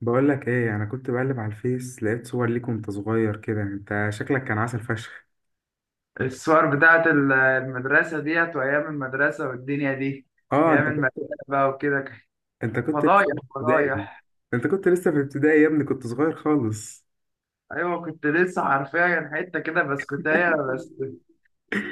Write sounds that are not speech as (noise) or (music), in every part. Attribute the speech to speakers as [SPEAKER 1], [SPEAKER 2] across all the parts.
[SPEAKER 1] بقول لك ايه، انا كنت بقلب على الفيس لقيت صور ليك وانت صغير كده. انت شكلك كان عسل فشخ.
[SPEAKER 2] الصور بتاعت المدرسة ديت وأيام المدرسة والدنيا دي،
[SPEAKER 1] اه، انت.
[SPEAKER 2] أيام المدرسة بقى وكده كان.
[SPEAKER 1] انت كنت لسه
[SPEAKER 2] فضايح
[SPEAKER 1] في ابتدائي.
[SPEAKER 2] فضايح.
[SPEAKER 1] انت كنت لسه في ابتدائي يا ابني، كنت صغير خالص.
[SPEAKER 2] أيوة كنت لسه حرفيا حتة كده بسكوتاية بس.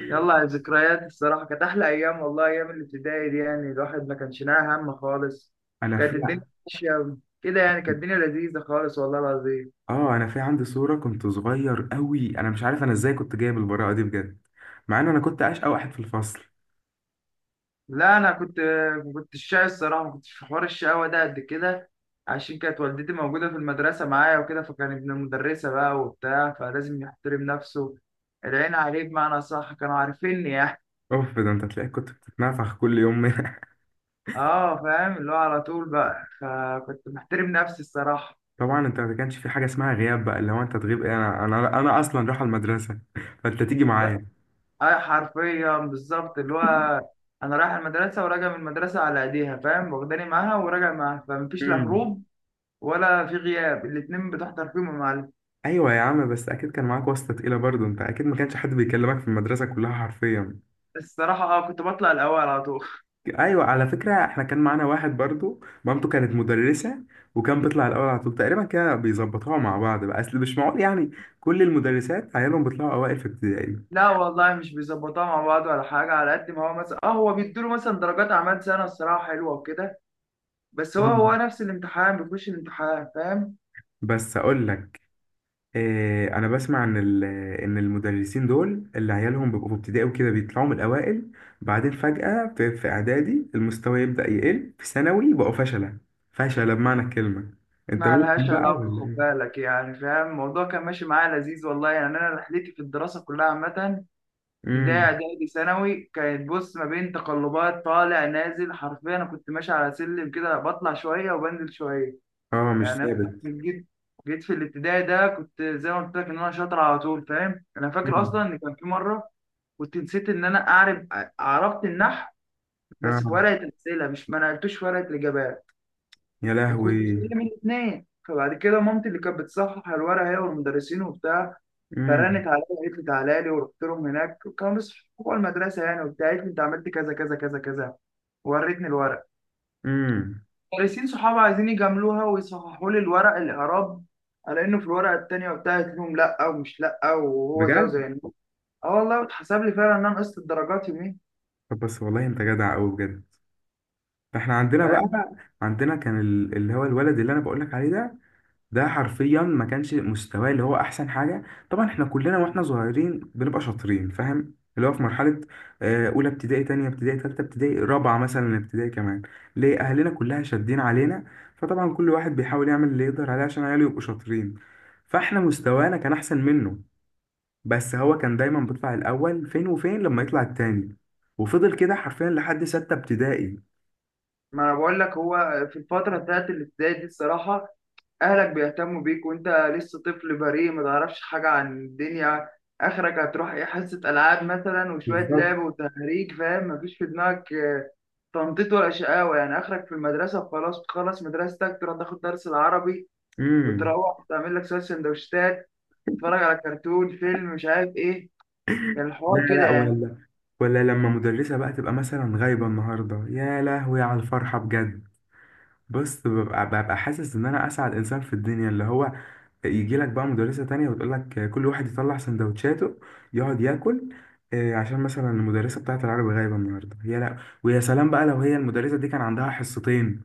[SPEAKER 2] يلا على الذكريات الصراحة، كانت أحلى أيام والله، أيام الابتدائي دي يعني الواحد ما كانش ناقي هم خالص.
[SPEAKER 1] انا
[SPEAKER 2] كانت
[SPEAKER 1] في
[SPEAKER 2] الدنيا ماشية كده يعني، كانت الدنيا لذيذة خالص والله العظيم.
[SPEAKER 1] اه انا في عندي صورة كنت صغير قوي، انا مش عارف انا ازاي كنت جايب البراءة دي بجد. مع ان انا كنت اشقى واحد في الفصل.
[SPEAKER 2] لا انا كنت ما كنتش شاي الصراحه، ما كنتش في حوار الشقاوه ده قد كده، عشان كانت والدتي موجوده في المدرسه معايا وكده، فكان ابن المدرسه بقى وبتاع فلازم يحترم نفسه. العين عليه بمعنى صح، كانوا عارفيني يعني.
[SPEAKER 1] اوف، ده انت تلاقيك كنت بتتنفخ كل يوم. (laughs)
[SPEAKER 2] اه فاهم، اللي هو على طول بقى، فكنت محترم نفسي الصراحه.
[SPEAKER 1] طبعا، انت ما كانش في حاجة اسمها غياب، بقى اللي هو انت تغيب ايه؟ انا اصلا رايح المدرسة (laughs) فانت تيجي
[SPEAKER 2] لا
[SPEAKER 1] معايا.
[SPEAKER 2] اه حرفيا بالظبط، اللي هو انا رايح المدرسه وراجع من المدرسه على ايديها فاهم، واخداني معاها وراجع معاها، فمفيش لا
[SPEAKER 1] مم.
[SPEAKER 2] هروب ولا في غياب، الاتنين بتحضر فيهم يا معلم.
[SPEAKER 1] ايوه يا عم، بس اكيد كان معاك واسطه تقيله برضو، انت اكيد ما كانش حد بيكلمك في المدرسه كلها حرفيا.
[SPEAKER 2] الصراحة اه كنت بطلع الأول على طول.
[SPEAKER 1] ايوه على فكره، احنا كان معانا واحد برضو مامته كانت مدرسه، وكان بيطلع الاول على طول تقريبا. كده بيظبطوها مع بعض بقى، اصل مش معقول يعني كل المدرسات عيالهم بيطلعوا اوائل في ابتدائي.
[SPEAKER 2] لا والله مش بيظبطوها مع بعض ولا حاجة، على قد ما هو مثلا اه هو بيدوله مثلا درجات أعمال سنة الصراحة حلوة وكده، بس هو
[SPEAKER 1] مم.
[SPEAKER 2] نفس الامتحان بيخش الامتحان فاهم.
[SPEAKER 1] بس اقول لك، انا بسمع ان ان المدرسين دول اللي عيالهم بيبقوا في ابتدائي وكده بيطلعوا من الاوائل، بعدين فجأة في اعدادي المستوى يبدأ يقل، في ثانوي يبقوا فشلة. فشلة بمعنى الكلمة. انت
[SPEAKER 2] ما
[SPEAKER 1] منهم
[SPEAKER 2] لهاش
[SPEAKER 1] بقى
[SPEAKER 2] علاقة،
[SPEAKER 1] ولا
[SPEAKER 2] خد
[SPEAKER 1] ايه؟
[SPEAKER 2] بالك يعني فاهم، الموضوع كان ماشي معايا لذيذ والله يعني. أنا رحلتي في الدراسة كلها عامة، ابتدائي
[SPEAKER 1] امم.
[SPEAKER 2] إعدادي ثانوي، كانت بص ما بين تقلبات طالع نازل، حرفيا أنا كنت ماشي على سلم كده، بطلع شوية وبنزل شوية.
[SPEAKER 1] اه، مش
[SPEAKER 2] يعني أنا
[SPEAKER 1] ثابت.
[SPEAKER 2] جيت جيت في الابتدائي ده كنت زي ما قلت لك إن أنا شاطر على طول فاهم. أنا فاكر أصلا
[SPEAKER 1] امم.
[SPEAKER 2] إن كان في مرة كنت نسيت ان انا اعرف، عرفت النحو بس في
[SPEAKER 1] اه،
[SPEAKER 2] ورقه الاسئله مش ما نقلتوش في ورقه الاجابات،
[SPEAKER 1] يا
[SPEAKER 2] وكنت
[SPEAKER 1] لهوي.
[SPEAKER 2] شايل من الاثنين. فبعد كده مامتي اللي كانت بتصحح الورقه هي والمدرسين وبتاع، فرنت
[SPEAKER 1] امم.
[SPEAKER 2] عليا قالت لي تعالى لي، ورحت لهم هناك كانوا لسه جوه المدرسه يعني وبتاع. قالت لي انت عملت كذا كذا كذا كذا، وريتني الورق.
[SPEAKER 1] امم.
[SPEAKER 2] المدرسين صحابي عايزين يجاملوها ويصححوا لي الورق الاعراب على انه في الورقه التانيه وبتاع، قلت لهم لا، ومش لا وهو زيه
[SPEAKER 1] بجد.
[SPEAKER 2] زي النور. اه والله اتحسب لي فعلا ان انا نقصت الدرجات يومين.
[SPEAKER 1] طب، بس والله انت جدع قوي بجد. احنا عندنا بقى، عندنا كان اللي هو الولد اللي انا بقول لك عليه ده، ده حرفيا ما كانش مستواه اللي هو احسن حاجه. طبعا احنا كلنا واحنا صغيرين بنبقى شاطرين، فاهم؟ اللي هو في مرحله اولى ابتدائي، تانية ابتدائي، تالتة ابتدائي، رابعه مثلا ابتدائي كمان، ليه اهلنا كلها شادين علينا. فطبعا كل واحد بيحاول يعمل اللي يقدر عليه عشان عياله يبقوا شاطرين. فاحنا مستوانا كان احسن منه، بس هو كان دايما بيطلع الاول، فين وفين لما يطلع التاني، وفضل كده حرفيا لحد ستة ابتدائي.
[SPEAKER 2] ما انا بقول لك، هو في الفتره بتاعت الابتدائي دي الصراحه، اهلك بيهتموا بيك وانت لسه طفل بريء ما تعرفش حاجه عن الدنيا، اخرك هتروح ايه، حصه العاب مثلا وشويه
[SPEAKER 1] بالظبط.
[SPEAKER 2] لعب وتهريج فاهم، مفيش في دماغك تنطيط ولا شقاوه يعني. اخرك في المدرسه وخلاص، تخلص مدرستك تروح تاخد درس العربي،
[SPEAKER 1] امم.
[SPEAKER 2] وتروح تعمل لك شويه سندوتشات، تتفرج على كرتون فيلم مش عارف ايه. كان
[SPEAKER 1] لا
[SPEAKER 2] الحوار كده
[SPEAKER 1] لا،
[SPEAKER 2] يعني.
[SPEAKER 1] ولا، ولا لما مدرسة بقى تبقى مثلا غايبة النهاردة، يا لهوي على الفرحة بجد. بص، ببقى حاسس ان انا اسعد انسان في الدنيا، اللي هو يجي لك بقى مدرسة تانية وتقول لك كل واحد يطلع سندوتشاته، يقعد ياكل، عشان مثلا المدرسة بتاعت العربي غايبة النهاردة يا لا. ويا سلام بقى لو هي المدرسة دي كان عندها حصتين.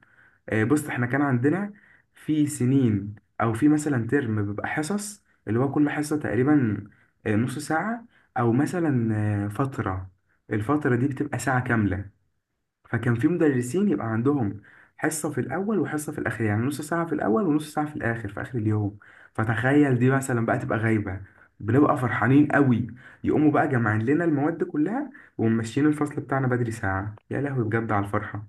[SPEAKER 1] بص، احنا كان عندنا في سنين، او في مثلا ترم، بيبقى حصص اللي هو كل حصة تقريبا نص ساعة، او مثلا فترة، الفترة دي بتبقى ساعة كاملة. فكان في مدرسين يبقى عندهم حصة في الاول وحصة في الاخر، يعني نص ساعة في الاول ونص ساعة في الاخر في اخر اليوم. فتخيل دي مثلا بقى تبقى غايبة، بنبقى فرحانين قوي، يقوموا بقى جمعين لنا المواد كلها وممشيين الفصل بتاعنا بدري ساعة. يا لهوي بجد على الفرحة.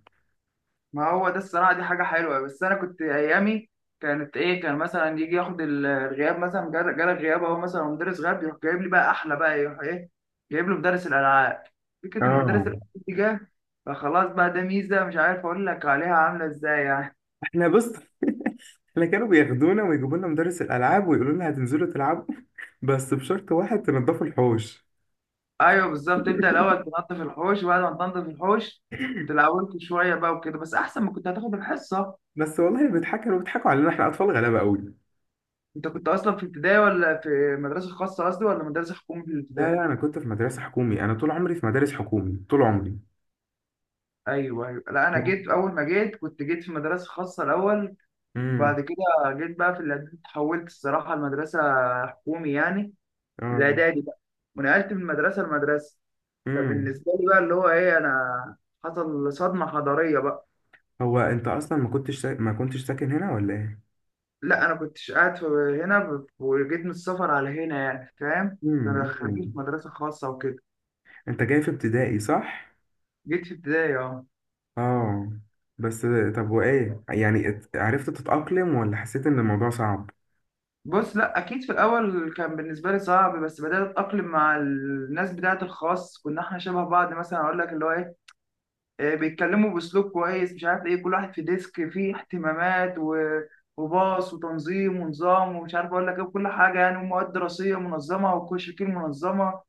[SPEAKER 2] ما هو ده الصراحة دي حاجة حلوة. بس أنا كنت أيامي كانت إيه، كان مثلا يجي ياخد الغياب مثلا، جالك غياب أهو، مثلا مدرس غاب يروح جايب لي بقى أحلى، بقى يروح إيه، جايب له مدرس الألعاب. فكرة إن مدرس
[SPEAKER 1] اه،
[SPEAKER 2] الألعاب دي جه، فخلاص بقى ده ميزة مش عارف أقول لك عليها عاملة إزاي يعني.
[SPEAKER 1] احنا بص. (laughs) احنا كانوا بياخدونا ويجيبوا لنا مدرس الالعاب ويقولوا لنا هتنزلوا تلعبوا، بس بشرط واحد، تنضفوا الحوش.
[SPEAKER 2] أيوه بالظبط، تبدأ الأول
[SPEAKER 1] (laughs)
[SPEAKER 2] تنظف الحوش، وبعد ما تنظف الحوش تلعبوا شوية بقى وكده، بس أحسن ما كنت هتاخد الحصة.
[SPEAKER 1] بس والله، كانوا بيضحكوا علينا، احنا اطفال غلابه قوي.
[SPEAKER 2] أنت كنت أصلا في ابتدائي ولا في مدرسة خاصة قصدي، ولا مدرسة حكومي في
[SPEAKER 1] لا
[SPEAKER 2] الابتدائي؟
[SPEAKER 1] لا، انا كنت في مدرسه حكومي، انا طول عمري في مدارس حكومي طول عمري.
[SPEAKER 2] ايوه ايوه. لا انا جيت، اول ما جيت كنت جيت في مدرسه خاصه الاول،
[SPEAKER 1] امم.
[SPEAKER 2] وبعد كده جيت بقى في الاعدادي، اتحولت الصراحه لمدرسه حكومي يعني، في
[SPEAKER 1] اه.
[SPEAKER 2] الاعدادي بقى، ونقلت من مدرسه لمدرسه.
[SPEAKER 1] امم.
[SPEAKER 2] فبالنسبه لي بقى اللي هو ايه، انا حصل صدمه حضاريه بقى.
[SPEAKER 1] هو انت اصلا ما كنتش ساكن هنا ولا ايه؟
[SPEAKER 2] لا انا كنتش قاعد في هنا، وجيت من السفر على هنا يعني فاهم، فانا
[SPEAKER 1] امم.
[SPEAKER 2] دخلوني في
[SPEAKER 1] أمم.
[SPEAKER 2] مدرسه خاصه وكده.
[SPEAKER 1] انت جاي في ابتدائي صح؟
[SPEAKER 2] جيت في ابتدائي اه.
[SPEAKER 1] اه. بس طب، وايه يعني، عرفت تتأقلم ولا حسيت ان الموضوع صعب؟
[SPEAKER 2] بص لا اكيد في الاول كان بالنسبه لي صعب، بس بدات اتاقلم مع الناس بتاعه الخاص، كنا احنا شبه بعض مثلا، اقول لك اللي هو ايه، بيتكلموا باسلوب كويس مش عارف ايه، كل واحد في ديسك فيه اهتمامات وباص وتنظيم ونظام ومش عارف اقول لك ايه وكل حاجه يعني، ومواد دراسيه منظمه وكشكول منظمه.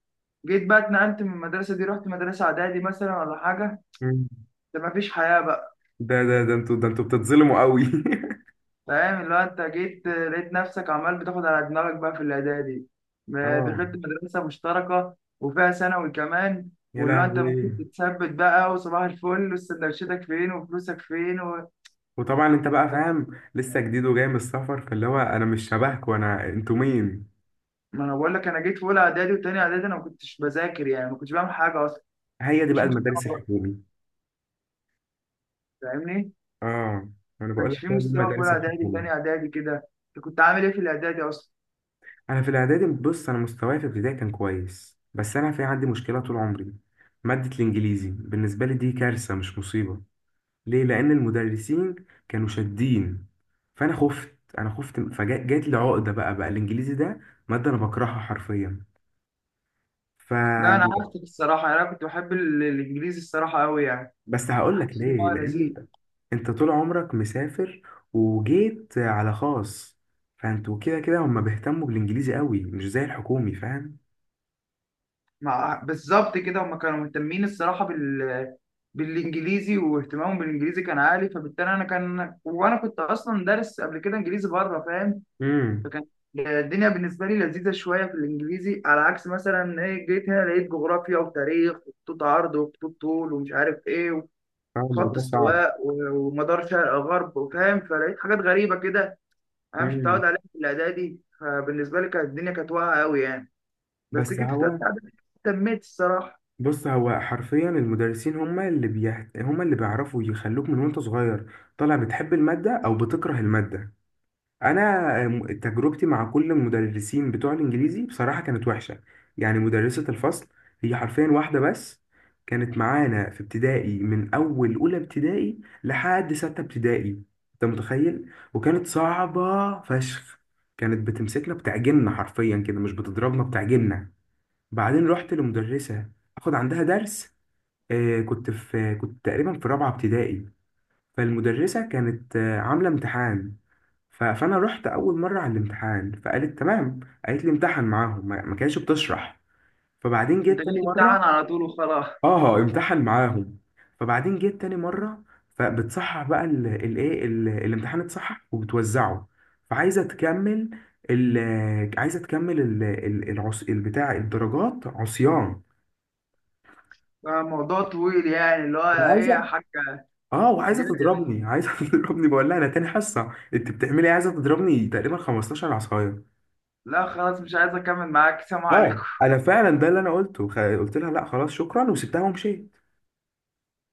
[SPEAKER 2] جيت بقى اتنقلت من المدرسه دي، رحت مدرسه اعدادي مثلا ولا حاجه،
[SPEAKER 1] مم.
[SPEAKER 2] ده مفيش حياه بقى.
[SPEAKER 1] ده انتوا بتتظلموا قوي.
[SPEAKER 2] فاهم اللي هو انت جيت لقيت نفسك عمال بتاخد على دماغك بقى في الاعدادي،
[SPEAKER 1] (laughs)
[SPEAKER 2] ما
[SPEAKER 1] اه،
[SPEAKER 2] دخلت مدرسه مشتركه وفيها ثانوي كمان،
[SPEAKER 1] يا
[SPEAKER 2] واللي هو انت ممكن
[SPEAKER 1] لهوي.
[SPEAKER 2] تتثبت بقى وصباح الفل، وسندوتشاتك فين وفلوسك فين و...
[SPEAKER 1] وطبعا انت بقى فاهم، لسه جديد وجاي من السفر، فاللي هو انا مش شبهكوا، انا انتوا مين.
[SPEAKER 2] ما انا بقول لك، انا جيت في اولى اعدادي وتاني اعدادي انا ما كنتش بذاكر يعني، ما كنتش بعمل حاجه اصلا،
[SPEAKER 1] هي دي بقى
[SPEAKER 2] مفيش مستوى
[SPEAKER 1] المدارس
[SPEAKER 2] برضه،
[SPEAKER 1] الحكومي.
[SPEAKER 2] فاهمني، ما
[SPEAKER 1] اه، انا بقول
[SPEAKER 2] كانش
[SPEAKER 1] لك
[SPEAKER 2] في
[SPEAKER 1] هو دي
[SPEAKER 2] مستوى في اولى
[SPEAKER 1] المدارس
[SPEAKER 2] اعدادي
[SPEAKER 1] الحكومي.
[SPEAKER 2] تاني اعدادي كده. انت كنت عامل ايه في الاعدادي اصلا؟
[SPEAKER 1] انا في الاعدادي، بص، انا مستواي في ابتدائي كان كويس، بس انا في عندي مشكله طول عمري، ماده الانجليزي بالنسبه لي دي كارثه مش مصيبه. ليه؟ لان المدرسين كانوا شادين، فانا خفت فجات لي عقده، بقى الانجليزي ده ماده انا بكرهها حرفيا. ف
[SPEAKER 2] لا انا عكسك الصراحه يعني، انا كنت بحب الانجليزي الصراحه قوي يعني،
[SPEAKER 1] بس هقول لك
[SPEAKER 2] حاسس ان
[SPEAKER 1] ليه،
[SPEAKER 2] هو
[SPEAKER 1] لان
[SPEAKER 2] لذيذ.
[SPEAKER 1] انت طول عمرك مسافر وجيت على خاص، فانتوا كده كده هم بيهتموا بالانجليزي قوي مش زي الحكومي، فاهم؟
[SPEAKER 2] مع بالظبط كده، هم كانوا مهتمين الصراحه بالانجليزي، واهتمامهم بالانجليزي كان عالي، فبالتالي انا كان، وانا كنت اصلا دارس قبل كده انجليزي بره فاهم.
[SPEAKER 1] امم.
[SPEAKER 2] فكان الدنيا بالنسبه لي لذيذه شويه في الانجليزي، على عكس مثلا ايه، جيت هنا لقيت جغرافيا وتاريخ وخطوط عرض وخطوط طول ومش عارف ايه، وخط
[SPEAKER 1] الموضوع صعب.
[SPEAKER 2] استواء ومدار شرق غرب وفاهم، فلقيت حاجات غريبه كده انا مش
[SPEAKER 1] امم.
[SPEAKER 2] متعود عليها في الاعدادي، فبالنسبه لي كانت الدنيا كانت واقعه قوي يعني. بس
[SPEAKER 1] بس
[SPEAKER 2] جيت في ثالثه
[SPEAKER 1] هو
[SPEAKER 2] اعدادي، اهتميت الصراحه.
[SPEAKER 1] بص هو حرفيا المدرسين، هم اللي بيعرفوا يخلوك من وانت صغير طالع بتحب المادة أو بتكره المادة. انا تجربتي مع كل المدرسين بتوع الانجليزي بصراحه كانت وحشه. يعني مدرسه الفصل هي حرفيا واحده بس، كانت معانا في ابتدائي من اول اولى ابتدائي لحد سته ابتدائي، انت متخيل؟ وكانت صعبه فشخ، كانت بتمسكنا بتعجننا، حرفيا كده مش بتضربنا بتعجننا. بعدين رحت لمدرسه اخد عندها درس، كنت تقريبا في رابعه ابتدائي. فالمدرسه كانت عامله امتحان، فانا رحت اول مره على الامتحان، فقالت تمام، قالت لي امتحن معاهم، ما كانتش بتشرح. فبعدين
[SPEAKER 2] انت
[SPEAKER 1] جيت تاني
[SPEAKER 2] جاي
[SPEAKER 1] مره.
[SPEAKER 2] تمتحن على طول وخلاص.
[SPEAKER 1] اه، امتحن معاهم. فبعدين جيت تاني مره، فبتصحح بقى الامتحان، اتصحح وبتوزعه، فعايزه تكمل عايزه تكمل العص البتاع الدرجات عصيان.
[SPEAKER 2] موضوع طويل يعني اللي هو، ايه يا
[SPEAKER 1] وعايزه.
[SPEAKER 2] حاجة.
[SPEAKER 1] اه،
[SPEAKER 2] انت
[SPEAKER 1] وعايزه
[SPEAKER 2] جاي مني،
[SPEAKER 1] تضربني عايزه (laughs) تضربني. بقول لها انا تاني حصه، انت بتعملي إيه؟ عايزه تضربني تقريبا 15 عصايه.
[SPEAKER 2] لا خلاص مش عايز اكمل معاك، سلام عليكم.
[SPEAKER 1] اه، انا فعلا ده اللي انا قلته، قلت لها لا خلاص شكرا، وسبتها ومشيت.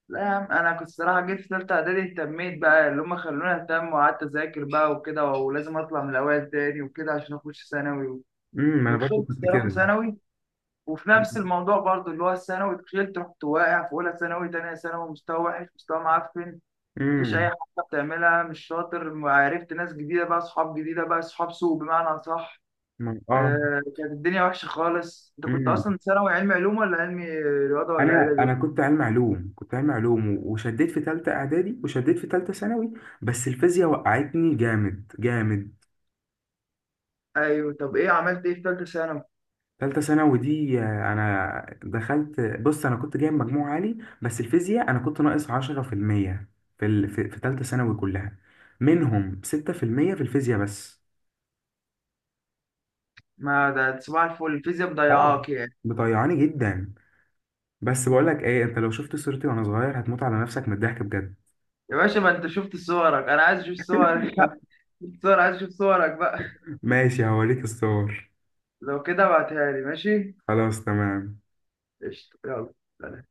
[SPEAKER 2] لا يا عم، انا كنت صراحة جيت في تالتة اعدادي، اهتميت بقى، اللي هم خلوني اهتم، وقعدت اذاكر بقى وكده، ولازم اطلع من الاوائل تاني وكده عشان اخش ثانوي و...
[SPEAKER 1] امم. انا برضه
[SPEAKER 2] ودخلت
[SPEAKER 1] كنت
[SPEAKER 2] الصراحة
[SPEAKER 1] كده.
[SPEAKER 2] ثانوي. وفي نفس الموضوع برضو اللي هو الثانوي، دخلت رحت واقع في اولى ثانوي تانية ثانوي، مستوى وحش مستوى معفن، مفيش اي
[SPEAKER 1] امم.
[SPEAKER 2] حاجه بتعملها، مش شاطر، عرفت ناس جديده بقى، اصحاب جديده بقى، اصحاب سوء بمعنى اصح،
[SPEAKER 1] اه.
[SPEAKER 2] كانت الدنيا وحشة خالص. انت كنت
[SPEAKER 1] امم.
[SPEAKER 2] اصلا ثانوي علمي علوم ولا علمي رياضة ولا
[SPEAKER 1] انا
[SPEAKER 2] ادبي؟
[SPEAKER 1] انا كنت علم علوم وشديت في ثالثه اعدادي، وشديت في ثالثه ثانوي. بس الفيزياء وقعتني جامد جامد.
[SPEAKER 2] ايوه، طب ايه عملت ايه في ثالثة ثانوي؟
[SPEAKER 1] ثالثه ثانوي دي، انا دخلت بص انا كنت جايب مجموع عالي، بس الفيزياء انا كنت ناقص 10% في المية في ثالثه ثانوي كلها، منهم 6% في المية في الفيزياء بس.
[SPEAKER 2] ما ده صباح الفل، الفيزياء
[SPEAKER 1] اه،
[SPEAKER 2] مضيعاك يعني.
[SPEAKER 1] مطيعاني جدا. بس بقول لك ايه، انت لو شفت صورتي وانا صغير هتموت على نفسك من الضحك بجد.
[SPEAKER 2] يا باشا ما انت شفت صورك، انا عايز اشوف صورك (laughs) شفت صور، عايز اشوف صورك بقى.
[SPEAKER 1] ماشي، هوريك الصور.
[SPEAKER 2] لو كده ابعتها لي، ماشي.
[SPEAKER 1] خلاص، تمام.
[SPEAKER 2] قشطة يلا.